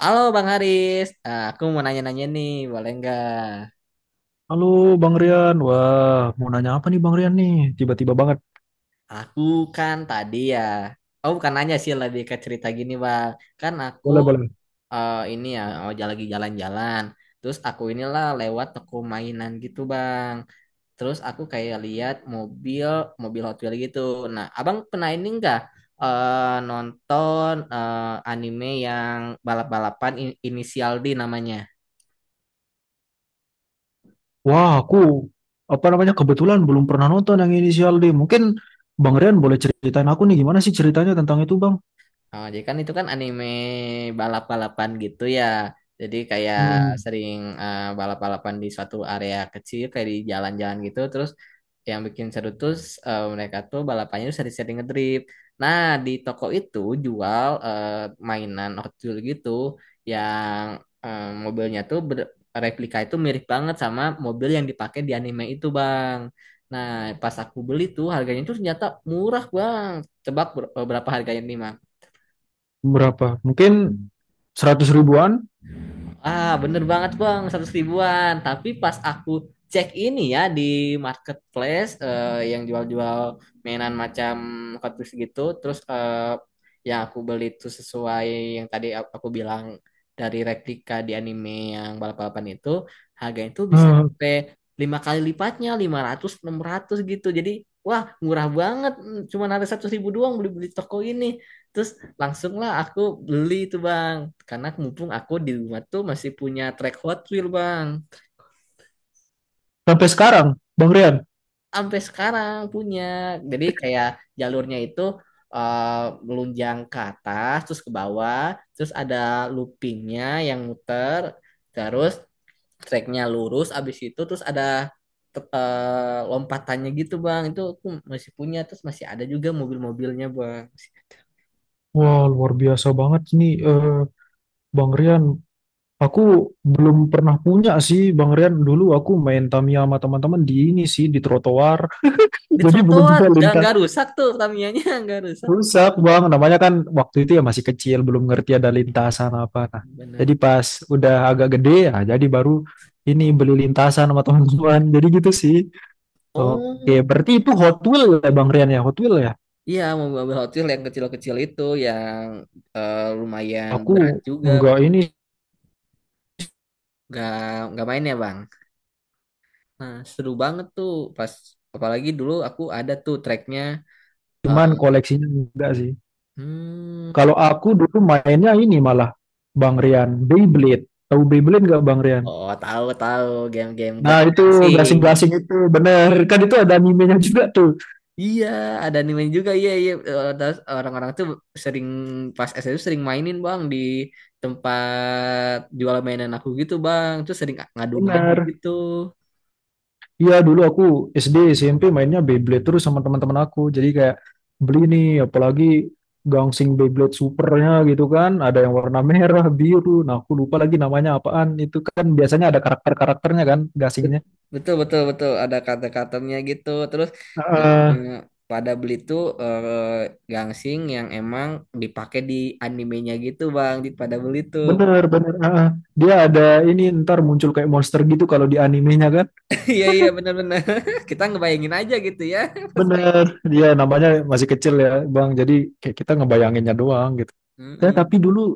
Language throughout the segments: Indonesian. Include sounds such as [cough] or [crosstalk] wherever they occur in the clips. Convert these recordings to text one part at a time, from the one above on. Halo Bang Haris, aku mau nanya-nanya nih, boleh nggak? Halo Bang Rian, wah mau nanya apa nih Bang Rian? Tiba-tiba banget. Aku kan tadi ya, oh bukan nanya sih lebih ke cerita gini Bang. Kan aku Boleh, boleh. Ini ya, oh lagi jalan-jalan. Terus aku inilah lewat toko mainan gitu Bang. Terus aku kayak lihat mobil Hot Wheels gitu. Nah, Abang pernah ini nggak nonton anime yang balap-balapan inisial D namanya? Wah aku apa namanya kebetulan belum pernah nonton yang Inisial D. Mungkin Bang Rian boleh ceritain aku nih gimana sih ceritanya tentang itu Bang? Oh, jadi kan itu kan anime balap-balapan gitu ya. Jadi kayak Hmm, sering balap-balapan di suatu area kecil kayak di jalan-jalan gitu. Terus yang bikin seru tuh mereka tuh balapannya tuh sering-sering ngedrift. Nah, di toko itu jual mainan Hot Wheels gitu yang mobilnya tuh replika itu mirip banget sama mobil yang dipakai di anime itu, Bang. Nah, pas aku beli tuh harganya tuh ternyata murah, Bang. Tebak berapa harganya nih? berapa? Mungkin 100 ribuan Ah, bener banget Bang, 100 ribuan. Tapi pas aku cek ini ya di marketplace yang jual-jual mainan macam kardus gitu, terus yang aku beli itu sesuai yang tadi aku bilang dari replika di anime yang balap-balapan itu, harganya itu bisa eh, sampai 5 kali lipatnya, 500 600 gitu. Jadi, wah murah banget, cuma ada 100 ribu doang beli-beli toko ini. Terus langsunglah aku beli itu bang, karena mumpung aku di rumah tuh masih punya track Hot Wheel bang, sampai sekarang Bang Rian. sampai sekarang punya. Jadi kayak jalurnya itu eh, melunjang ke atas, terus ke bawah, terus ada loopingnya yang muter, terus tracknya lurus, abis itu terus ada lompatannya gitu bang. Itu aku masih punya, terus masih ada juga mobil-mobilnya bang. Wah luar biasa banget nih Bang Rian. Aku belum pernah punya sih Bang Rian. Dulu aku main Tamiya sama teman-teman di ini sih di trotoar. [laughs] Di Jadi belum trotoar, bisa lintas. nggak rusak tuh Tamiya-nya [laughs] nggak rusak. Rusak bang, namanya kan waktu itu ya masih kecil, belum ngerti ada Iya. lintasan apa. Nah, Benar. jadi pas udah agak gede ya, jadi baru ini beli lintasan sama teman-teman. Jadi gitu sih. Oke, Oh, berarti itu Hot Wheel ya Bang Rian ya, Hot Wheel ya. iya mobil-mobil Hot Wheels yang kecil-kecil itu yang lumayan Aku berat juga. enggak ini, Gak nggak main ya bang. Nah seru banget tuh pas apalagi dulu aku ada tuh tracknya. eh, cuman koleksinya enggak sih. hmm, Kalau aku dulu mainnya ini malah Bang Rian, Beyblade. Tahu Beyblade enggak Bang Rian? oh, tahu tahu game-game gak Nah itu gangsing. gasing-gasing itu bener kan itu ada animenya juga tuh. Iya ada anime juga iya iya. Terus orang-orang tuh sering pas SD tuh sering mainin bang di tempat jual mainan aku gitu bang. Terus sering ngadu-ngadu Bener, gitu. iya, dulu aku SD SMP mainnya Beyblade terus sama teman-teman aku. Jadi kayak beli nih apalagi Gangsing Beyblade Supernya gitu kan. Ada yang warna merah, biru. Nah aku lupa lagi namanya apaan. Itu kan biasanya ada karakter-karakternya kan gasingnya. Bet- Betul betul betul ada kata-katanya gitu terus Heeh, eh, pada beli tuh gangsing yang emang dipakai di animenya gitu bang di pada beli tuh. bener, bener, heeh. Dia ada ini ntar muncul kayak monster gitu kalau di animenya kan. [laughs] Iya iya benar-benar [laughs] kita ngebayangin aja gitu ya [laughs] pas main. Bener. Dia namanya masih kecil ya Bang. Jadi kayak kita ngebayanginnya doang gitu. Ya, Mm-mm. tapi dulu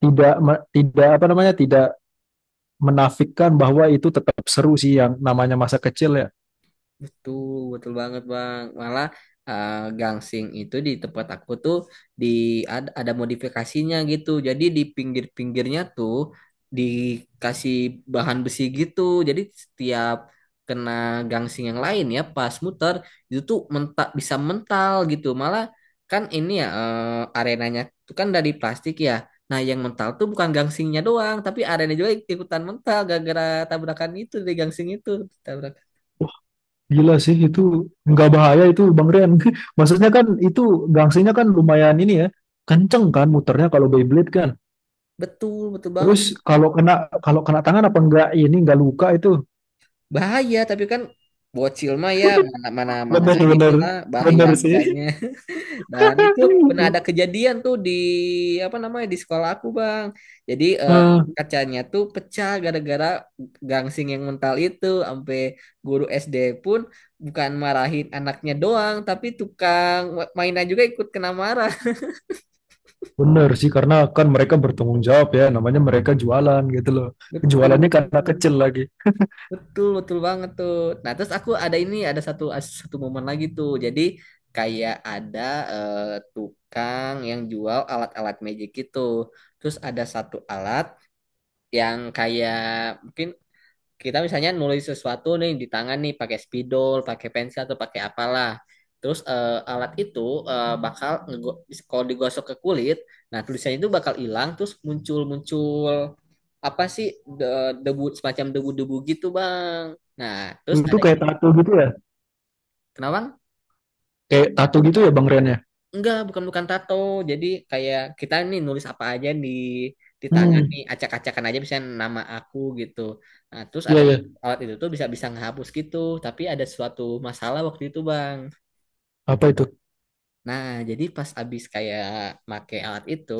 tidak me- tidak apa namanya tidak menafikan bahwa itu tetap seru sih yang namanya masa kecil ya. Betul, betul banget Bang. Malah eh, gangsing itu di tempat aku tuh di ada modifikasinya gitu. Jadi di pinggir-pinggirnya tuh dikasih bahan besi gitu. Jadi setiap kena gangsing yang lain ya pas muter itu tuh mentak bisa mental gitu. Malah kan ini ya arenanya tuh kan dari plastik ya. Nah, yang mental tuh bukan gangsingnya doang, tapi arena juga ikutan mental gara-gara tabrakan itu di gangsing itu. Gila sih itu nggak bahaya itu Bang Rian. [laughs] Maksudnya kan itu gangsinya kan lumayan ini ya. Kenceng kan muternya kalau Beyblade kan. Betul, betul Terus banget. Kalau kena tangan apa enggak ini enggak luka itu. Bahaya, tapi kan bocil mah ya mana mana mana Bener-bener. inilah bahaya Bener enggaknya. sih. [laughs] Dan itu pernah ada [laughs] kejadian tuh di apa namanya di sekolah aku, Bang. Jadi Ah, kacanya tuh pecah gara-gara gangsing yang mental itu sampai guru SD pun bukan marahin anaknya doang, tapi tukang mainan juga ikut kena marah. bener sih karena kan mereka bertanggung jawab ya namanya mereka jualan gitu loh. [laughs] Jualannya Betul. karena kecil lagi. Betul, betul banget tuh. Nah, terus aku ada ini, ada satu satu momen lagi tuh. Jadi kayak ada eh, tukang yang jual alat-alat magic gitu. Terus ada satu alat yang kayak mungkin kita misalnya nulis sesuatu nih di tangan nih pakai spidol, pakai pensil atau pakai apalah. Terus alat itu bakal kalau digosok ke kulit, nah tulisannya itu bakal hilang terus muncul-muncul apa sih de- debu semacam debu-debu gitu, Bang. Nah, terus Itu ada kayak ini. tato gitu ya. Kenapa? Bang? Kayak tato gitu ya Bang Rian ya. Enggak, bukan bukan tato. Jadi kayak kita nih nulis apa aja di tangan nih, Hmm. acak-acakan aja misalnya nama aku gitu. Nah, terus ada Iya ya. alat itu tuh bisa bisa ngehapus gitu, tapi ada suatu masalah waktu itu, Bang. Apa itu? Nah, jadi pas abis kayak make alat itu,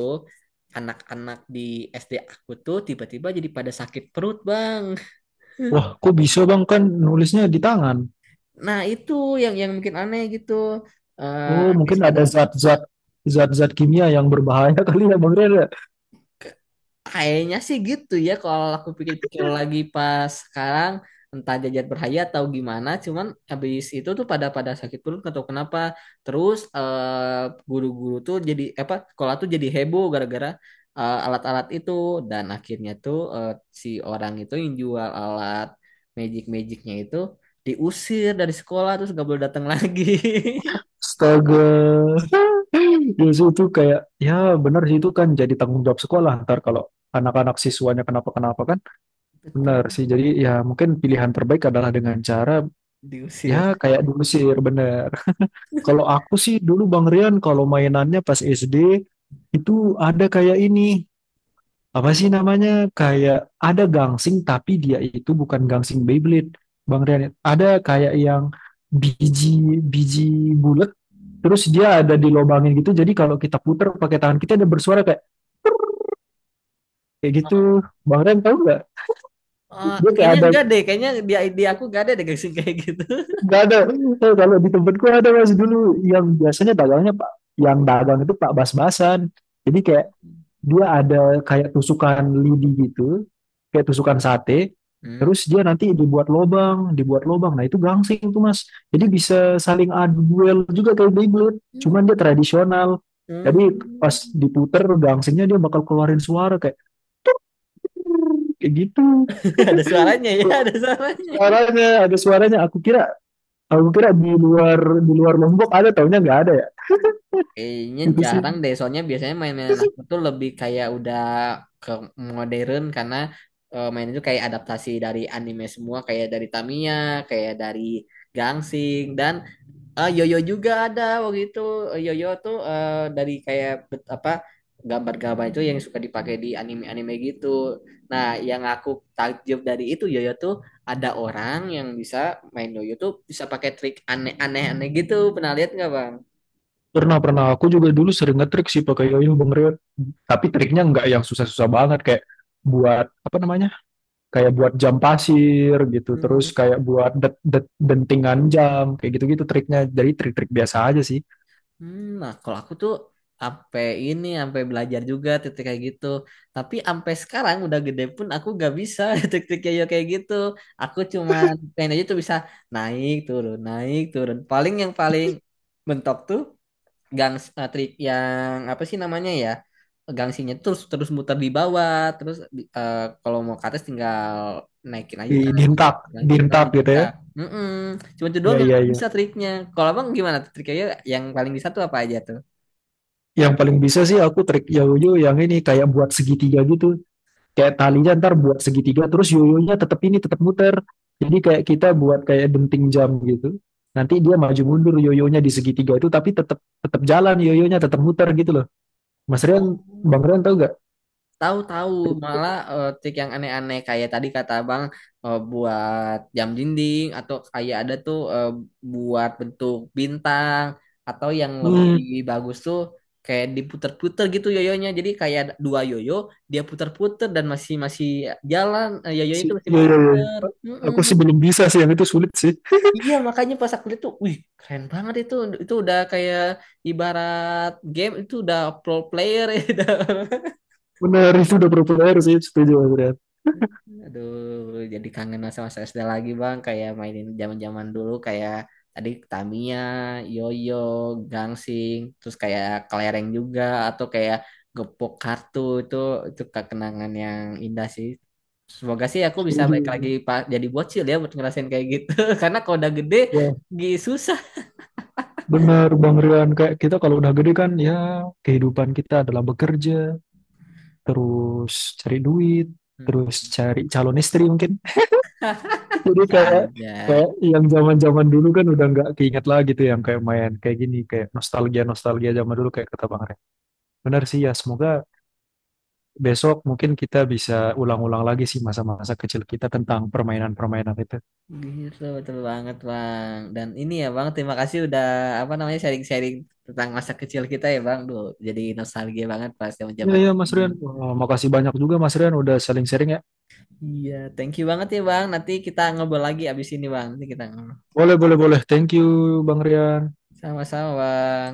anak-anak di SD aku tuh tiba-tiba jadi pada sakit perut, Bang. Wah, kok bisa bang kan nulisnya di tangan? Nah, itu yang mungkin aneh gitu. Oh, Habis mungkin pada. ada zat-zat kimia yang berbahaya [laughs] kali ya bang Rere. Kayaknya sih gitu ya kalau aku pikir-pikir lagi pas sekarang entah jajat berhayat atau gimana cuman habis itu tuh pada pada sakit perut nggak tahu kenapa, terus guru-guru tuh jadi apa sekolah tuh jadi heboh gara-gara alat-alat itu dan akhirnya tuh si orang itu yang jual alat magic-magicnya itu diusir dari sekolah terus nggak boleh datang lagi. Astaga, justru itu kayak ya benar sih itu kan jadi tanggung jawab sekolah ntar kalau anak-anak siswanya kenapa-kenapa kan. [laughs] Betul. Benar sih. Jadi ya mungkin pilihan terbaik adalah dengan cara ya Diusir. kayak dulu sih. Bener. Kalau aku sih dulu bang Rian kalau mainannya pas SD itu ada kayak ini. Apa sih namanya kayak ada gangsing tapi dia itu bukan gangsing Beyblade Bang Rian ada kayak yang biji biji bulat terus dia ada dilobangin gitu jadi kalau kita puter pakai tangan kita ada bersuara kayak kayak gitu, Bang Rian tahu nggak, dia kayak Kayaknya ada enggak deh kayaknya dia di aku gak ada deh kayak kayak gitu. nggak ada. Eh, kalau di tempatku ada masih dulu yang biasanya dagangnya Pak, yang dagang itu Pak Bas-Basan Hmm. jadi kayak dia ada kayak tusukan lidi gitu, kayak tusukan sate. Hmm. Terus dia nanti dibuat lobang, dibuat lobang. Nah itu gangsing tuh mas. Jadi bisa saling adu duel juga kayak Beyblade. Hmm. Cuman dia tradisional. Jadi pas Hmm. diputer gangsingnya dia bakal keluarin suara kayak kayak gitu. [laughs] Ada [laughs] suaranya ya, Kok ada suaranya. suaranya ada suaranya. Aku kira di luar Lombok ada taunya nggak ada ya. Kayaknya Itu sih. jarang deh, soalnya biasanya mainan aku tuh lebih kayak udah ke modern karena main itu kayak adaptasi dari anime semua, kayak dari Tamiya, kayak dari Gangsing dan yoyo juga ada waktu itu. Yoyo tuh dari kayak apa gambar-gambar itu yang suka dipakai di anime-anime gitu. Nah, yang aku takjub dari itu yoyo tuh ada orang yang bisa main yoyo tuh bisa pakai trik aneh-aneh aneh gitu. Pernah lihat nggak, Bang? Pernah Pernah aku juga dulu sering ngetrik sih pakai yoyo Bang Reo. Tapi triknya nggak yang susah-susah banget kayak buat apa namanya? Kayak buat jam pasir gitu, terus kayak buat det, det- dentingan jam kayak gitu-gitu triknya. Jadi trik-trik biasa aja sih. Nah, kalau aku tuh sampai ini, sampai belajar juga titik kayak gitu. Tapi sampai sekarang udah gede pun aku gak bisa [laughs] titik yoyo kayak gitu. Aku cuman pengen aja tuh bisa naik turun, naik turun. Paling yang paling mentok tuh gang trik yang apa sih namanya ya? Gangsinya terus terus muter di bawah, terus kalau mau ke atas tinggal naikin aja Di- Dihentak, lagi oh dihentak di gitu ya. TikTok. Mm-mm. Cuma itu Iya, doang yang iya, aku iya. bisa triknya, kalau abang gimana tuh triknya yang paling bisa tuh apa aja tuh? Yang paling bisa sih aku trik yoyo yang ini kayak buat segitiga gitu. Kayak talinya ntar buat segitiga terus yoyonya tetap ini tetap muter. Jadi kayak kita buat kayak denting jam gitu. Nanti dia maju mundur yoyonya di segitiga itu tapi tetap tetap jalan yoyonya tetap muter gitu loh. Mas Rian, Oh. Bang Rian tahu gak? Tahu-tahu malah trik yang aneh-aneh kayak tadi kata abang buat jam dinding atau kayak ada tuh buat bentuk bintang atau yang Hmm, lebih bagus tuh kayak diputer-puter gitu yoyonya jadi kayak ada dua yoyo dia puter-puter dan masih masih jalan yoyonya sih, itu masih iya, iya, iya. muter-muter. Aku sih belum bisa sih, yang itu sulit sih. Iya makanya pas aku lihat tuh, wih keren banget itu udah kayak ibarat game itu udah pro player [laughs] ya. Udah. Benar, itu udah proper sih, setuju Mas Rian. Aduh, jadi kangen masa-masa SD lagi bang, kayak mainin zaman-zaman dulu kayak tadi Tamiya, Yoyo, Gangsing, terus kayak kelereng juga atau kayak gepok kartu itu kenangan yang indah sih. Semoga sih aku bisa Setuju. balik lagi Pak jadi bocil ya buat ngerasain kayak gitu, [laughs] karena kalau udah gede, Ya, susah. benar Bang Rian. Kayak kita kalau udah gede kan, ya kehidupan kita adalah bekerja, terus cari duit, Hmm. terus cari calon istri mungkin. [laughs] Jadi Bisa kayak aja. kayak yang zaman-zaman dulu kan udah nggak keinget lagi tuh yang kayak main kayak gini kayak nostalgia nostalgia zaman dulu kayak kata Bang Rian. Benar sih ya semoga Besok mungkin kita bisa ulang-ulang lagi sih masa-masa kecil kita tentang permainan-permainan itu. Gitu, betul banget Bang. Dan ini ya Bang, terima kasih udah apa namanya sharing-sharing tentang masa kecil kita ya Bang. Duh, jadi nostalgia banget pas Iya, zaman-zaman. iya, Mas Nah, Rian. Wah, makasih banyak juga Mas Rian udah saling sharing ya. iya, thank you banget ya Bang. Nanti kita ngobrol lagi abis ini Bang. Nanti kita ngobrol. Boleh, boleh, boleh. Thank you, Bang Rian. Sama-sama Bang.